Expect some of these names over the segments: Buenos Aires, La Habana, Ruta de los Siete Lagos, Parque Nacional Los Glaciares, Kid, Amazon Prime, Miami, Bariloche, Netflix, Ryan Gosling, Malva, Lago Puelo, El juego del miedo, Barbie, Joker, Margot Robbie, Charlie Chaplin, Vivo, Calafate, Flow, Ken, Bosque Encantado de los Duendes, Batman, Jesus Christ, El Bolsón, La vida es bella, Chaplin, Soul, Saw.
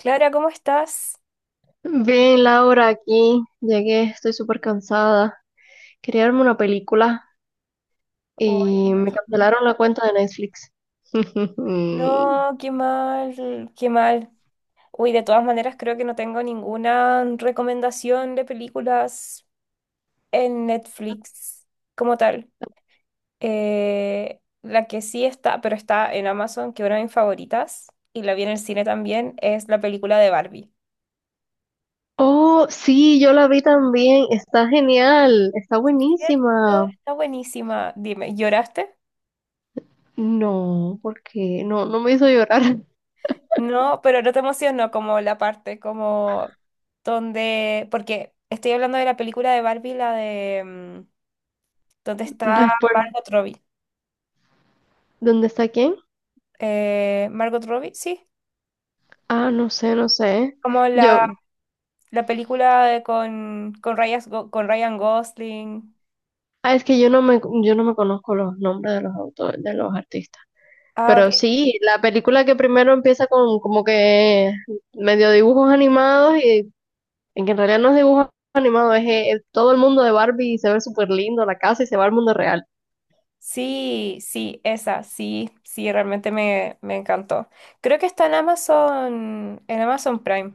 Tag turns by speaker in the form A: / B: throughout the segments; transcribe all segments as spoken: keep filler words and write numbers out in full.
A: Clara, ¿cómo estás?
B: Bien, Laura, aquí llegué, estoy súper cansada. Quería verme una película
A: Uy, no,
B: y me
A: imagino.
B: cancelaron la cuenta de Netflix.
A: No, qué mal, qué mal. Uy, de todas maneras creo que no tengo ninguna recomendación de películas en Netflix como tal. Eh, la que sí está, pero está en Amazon, que es una de mis favoritas, y la vi en el cine también, es la película de Barbie.
B: Oh, sí, yo la vi también. Está genial, está
A: ¿Cierto?
B: buenísima.
A: Está buenísima. Dime, ¿lloraste?
B: No, porque no, no me hizo llorar.
A: No, pero no te emocionó como la parte, como donde, porque estoy hablando de la película de Barbie, la de mm, donde está
B: Después,
A: Margot Robbie.
B: ¿dónde está quién?
A: Eh, Margot Robbie, sí.
B: Ah, no sé, no sé.
A: Como la,
B: Yo,
A: la película de con, con, Ryan, con Ryan Gosling.
B: ah, es que yo no me, yo no me conozco los nombres de los autores, de los artistas.
A: Ah, ok.
B: Pero sí, la película que primero empieza con como que medio dibujos animados y en que en realidad no es dibujos animados, es, eh, todo el mundo de Barbie y se ve súper lindo la casa y se va al mundo real.
A: Sí, sí, esa, sí, sí, realmente me, me encantó. Creo que está en Amazon, en Amazon Prime.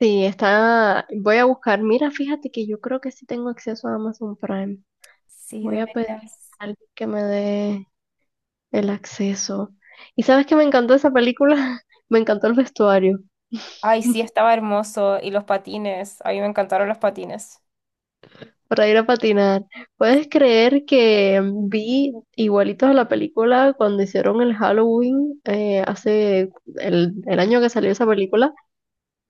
B: Sí, está, voy a buscar, mira, fíjate que yo creo que sí tengo acceso a Amazon Prime.
A: Sí,
B: Voy a pedir
A: deberías.
B: a alguien que me dé el acceso. ¿Y sabes que me encantó esa película? Me encantó el vestuario.
A: Ay, sí, estaba hermoso. Y los patines. A mí me encantaron los patines.
B: Para ir a patinar. ¿Puedes creer que vi igualitos a la película cuando hicieron el Halloween eh, hace el, el año que salió esa película?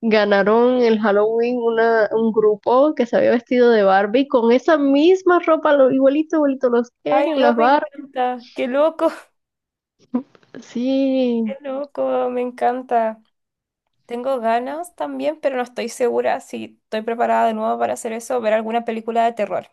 B: Ganaron el Halloween una, un grupo que se había vestido de Barbie con esa misma ropa, lo, igualito, igualito, los
A: Ay,
B: Ken,
A: no,
B: las
A: me
B: Barbie.
A: encanta. Qué loco,
B: Sí,
A: qué loco, me encanta. Tengo ganas también, pero no estoy segura si estoy preparada de nuevo para hacer eso o ver alguna película de terror.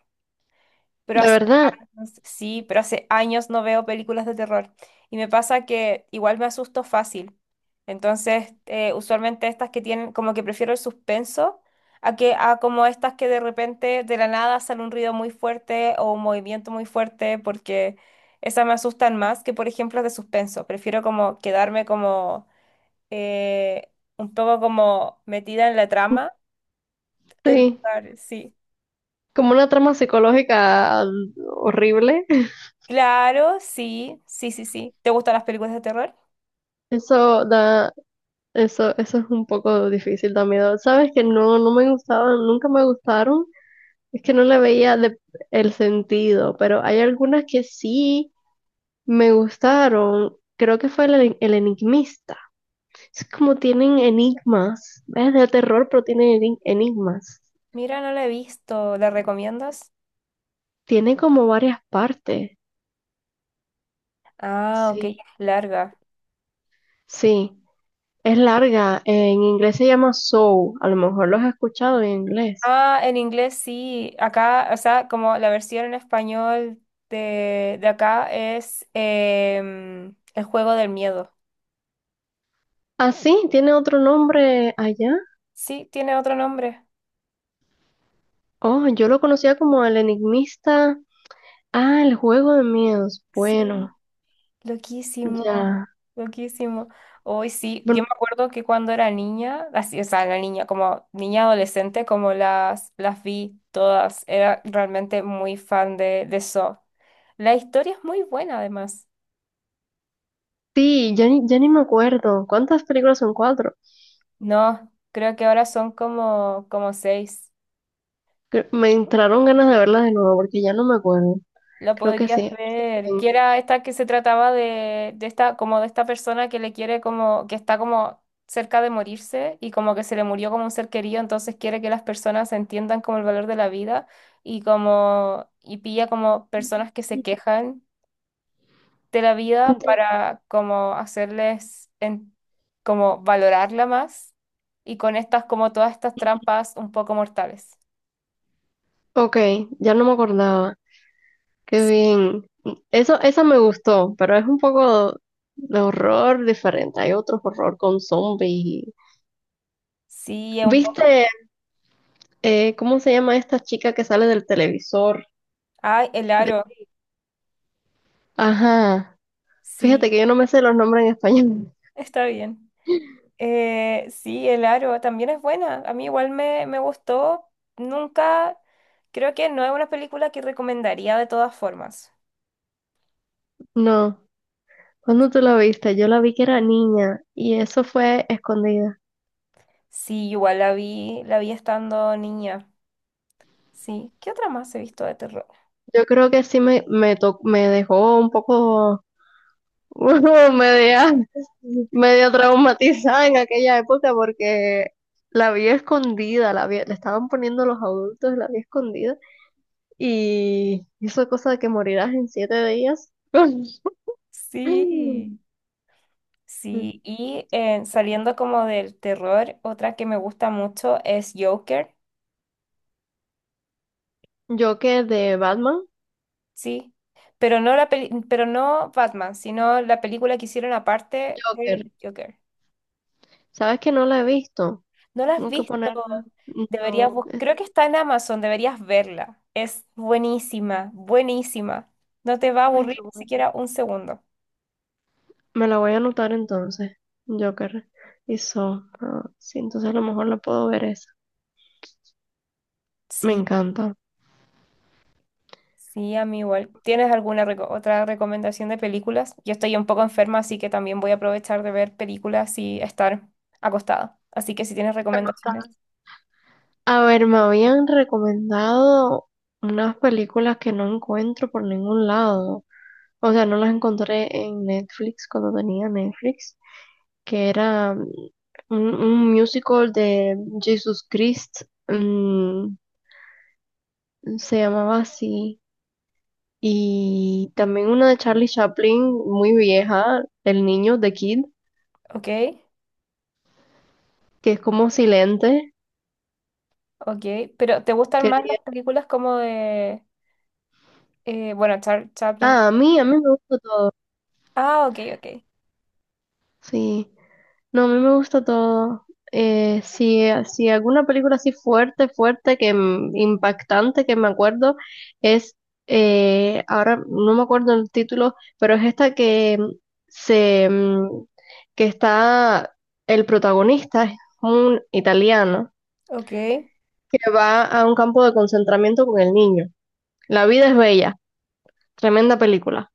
A: Pero
B: la
A: así
B: verdad,
A: no. Sí, pero hace años no veo películas de terror. Y me pasa que igual me asusto fácil. Entonces, eh, usualmente estas que tienen, como que prefiero el suspenso a que a como estas que de repente de la nada sale un ruido muy fuerte o un movimiento muy fuerte, porque esas me asustan más que, por ejemplo, las de suspenso. Prefiero como quedarme como eh, un poco como metida en la trama. El
B: sí.
A: lugar, sí.
B: Como una trama psicológica horrible.
A: Claro, sí, sí, sí, sí. ¿Te gustan las películas de terror?
B: Eso da Eso, eso es un poco difícil también. Sabes que no, no me gustaban, nunca me gustaron. Es que no le veía de- el sentido, pero hay algunas que sí me gustaron. Creo que fue el, eni- el enigmista. Es como tienen enigmas. Es de terror, pero tienen eni- enigmas.
A: Mira, no la he visto. ¿La recomiendas?
B: Tiene como varias partes.
A: Ah, ok, es
B: Sí.
A: larga.
B: Sí. Es larga. En inglés se llama Soul. A lo mejor los has escuchado en inglés.
A: Ah, en inglés sí. Acá, o sea, como la versión en español de, de acá es em, El juego del miedo.
B: Ah, sí, tiene otro nombre allá.
A: Sí, tiene otro nombre.
B: Oh, yo lo conocía como el enigmista. Ah, el juego de miedos.
A: Sí,
B: Bueno,
A: loquísimo,
B: ya.
A: loquísimo. Hoy sí, yo me
B: Bueno,
A: acuerdo que cuando era niña, así, o sea, la niña, como niña adolescente, como las, las vi todas, era realmente muy fan de, de Saw. La historia es muy buena, además.
B: sí, ya ni, ya ni me acuerdo. ¿Cuántas películas son cuatro?
A: No, creo que ahora son como, como seis.
B: Cre- Me entraron ganas de verlas de nuevo porque ya no me acuerdo.
A: Lo
B: Creo que
A: podrías
B: sí.
A: ver. Que era esta que se trataba de, de esta, como de esta persona que le quiere como, que está como cerca de morirse y como que se le murió como un ser querido, entonces quiere que las personas entiendan como el valor de la vida y como, y pilla como personas que se quejan de la vida
B: Ent-
A: para como hacerles en- como valorarla más y con estas como todas estas trampas un poco mortales.
B: Ok, ya no me acordaba. Qué bien. Eso, esa me gustó, pero es un poco de horror diferente. Hay otro horror con zombies. Y-
A: Sí, es un
B: ¿Viste eh, cómo se llama esta chica que sale del televisor?
A: Ay, el aro.
B: Ajá.
A: Sí,
B: Fíjate que yo no me sé los nombres en español.
A: está bien. Eh, sí, el aro también es buena. A mí igual me, me gustó. Nunca, creo que no es una película que recomendaría de todas formas.
B: No. ¿Cuándo tú la viste? Yo la vi que era niña y eso fue escondida.
A: Sí, igual la vi, la vi estando niña. Sí. ¿Qué otra más he visto de terror?
B: Yo creo que sí me, me, to- me dejó un poco media, medio traumatizada en aquella época porque la vi escondida, la vi- le estaban poniendo los adultos, la vi escondida y hizo cosa de que morirás en siete días.
A: Sí. Sí, y eh, saliendo como del terror, otra que me gusta mucho es Joker.
B: Joker de Batman.
A: Sí. Pero no la peli- pero no Batman, sino la película que hicieron aparte
B: Joker.
A: de Joker.
B: ¿Sabes que no la he visto?
A: ¿No la has
B: Tengo que
A: visto?
B: ponerla.
A: Deberías
B: No.
A: bus- Creo que está en Amazon, deberías verla. Es buenísima, buenísima. No te va a
B: Ay,
A: aburrir
B: qué
A: ni
B: bueno.
A: siquiera un segundo.
B: Me la voy a anotar entonces. Joker y So. Ah, sí, entonces a lo mejor la puedo ver esa. Me
A: Sí,
B: encanta.
A: sí, a mí igual. ¿Tienes alguna reco- otra recomendación de películas? Yo estoy un poco enferma, así que también voy a aprovechar de ver películas y estar acostada. Así que si tienes recomendaciones,
B: A ver, me habían recomendado unas películas que no encuentro por ningún lado. O sea, no las encontré en Netflix cuando tenía Netflix, que era mm, un, un musical de Jesus Christ. Mm, se llamaba así. Y también una de Charlie Chaplin, muy vieja, El niño, de Kid,
A: ok,
B: que es como silente.
A: ok. Pero ¿te gustan más
B: Quería
A: las películas como de, eh, bueno, Char- Chaplin?
B: ah, a mí, a mí me gusta todo.
A: Ah, ok, ok,
B: Sí, no, a mí me gusta todo. Eh, si, si alguna película así fuerte, fuerte, que m- impactante, que me acuerdo, es, eh, ahora no me acuerdo el título, pero es esta que mm, se, mm, que está, el protagonista es un italiano
A: ok.
B: que va a un campo de concentramiento con el niño. La vida es bella, tremenda película.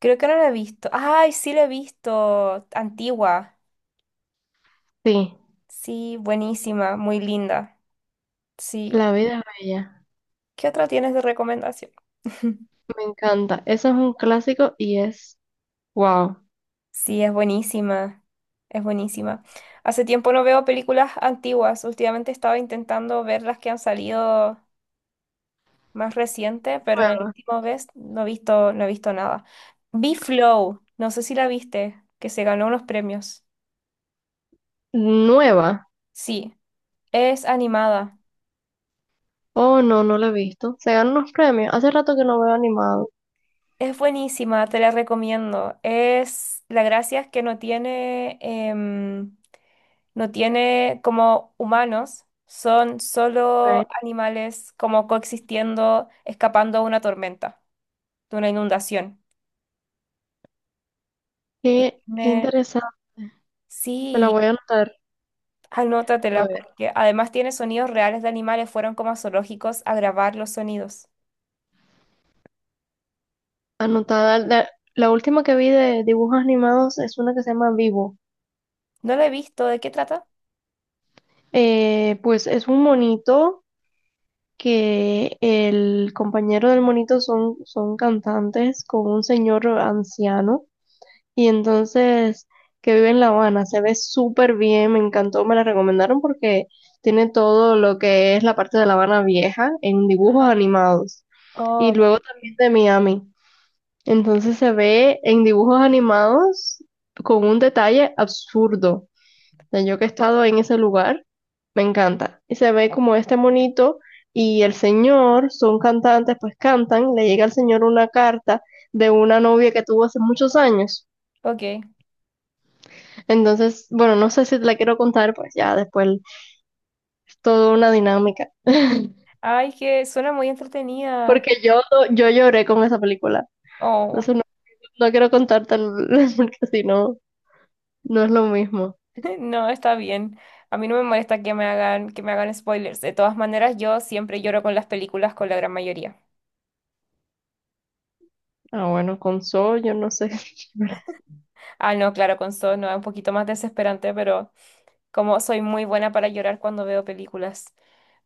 A: Creo que no la he visto. Ay, sí la he visto. Antigua.
B: Sí,
A: Sí, buenísima, muy linda. Sí.
B: La vida es bella,
A: ¿Qué otra tienes de recomendación?
B: me encanta. Eso es un clásico y es wow.
A: Sí, es buenísima. Es buenísima. Hace tiempo no veo películas antiguas. Últimamente estaba intentando ver las que han salido más recientes, pero en el
B: Nueva.
A: último vez no he visto, no he visto nada. Vi Flow, no sé si la viste, que se ganó unos premios.
B: Nueva.
A: Sí, es animada.
B: Oh, no, no la he visto. Se ganó unos premios. Hace rato que no veo animado.
A: Es buenísima, te la recomiendo. Es, la gracia es que no tiene, em, no tiene como humanos, son
B: Ok.
A: solo animales como coexistiendo, escapando de una tormenta, de una inundación. Y
B: Qué, qué
A: tiene-
B: interesante. Me la
A: sí,
B: voy a anotar. A
A: anótatela,
B: ver,
A: porque además tiene sonidos reales de animales, fueron como a zoológicos a grabar los sonidos.
B: anotada. La, la última que vi de dibujos animados es una que se llama Vivo.
A: No la he visto, ¿de qué trata?
B: Eh, pues es un monito. Que el compañero del monito son, son cantantes con un señor anciano y entonces que vive en La Habana, se ve súper bien, me encantó, me la recomendaron porque tiene todo lo que es la parte de La Habana vieja en dibujos animados y
A: Oh,
B: luego también de Miami. Entonces se ve en dibujos animados con un detalle absurdo sea, yo que he estado en ese lugar, me encanta. Y se ve como este monito y el señor, son cantantes, pues cantan, le llega al señor una carta de una novia que tuvo hace muchos años.
A: ok.
B: Entonces, bueno, no sé si te la quiero contar, pues ya después es toda una dinámica.
A: Ay, que suena muy entretenida.
B: Porque yo, yo lloré con esa película. Por
A: Oh.
B: eso no, no quiero contarte, porque si no, no es lo mismo.
A: No, está bien. A mí no me molesta que me hagan, que me hagan spoilers. De todas maneras, yo siempre lloro con las películas, con la gran mayoría.
B: Ah, bueno, con Soul, yo no sé.
A: Ah, no, claro, con Saw no, es un poquito más desesperante, pero como soy muy buena para llorar cuando veo películas.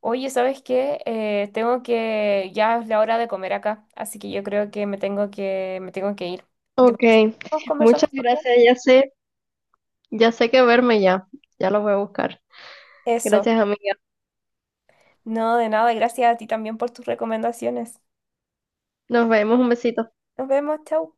A: Oye, ¿sabes qué? Eh, tengo que, ya es la hora de comer acá, así que yo creo que me tengo que, me tengo que ir. ¿Te
B: Ok,
A: parece? ¿Nos conversamos
B: muchas
A: mañana?
B: gracias, ya sé. Ya sé que verme ya. Ya lo voy a buscar.
A: Eso.
B: Gracias, amiga.
A: No, de nada, gracias a ti también por tus recomendaciones.
B: Nos vemos. Un besito.
A: Nos vemos, chau.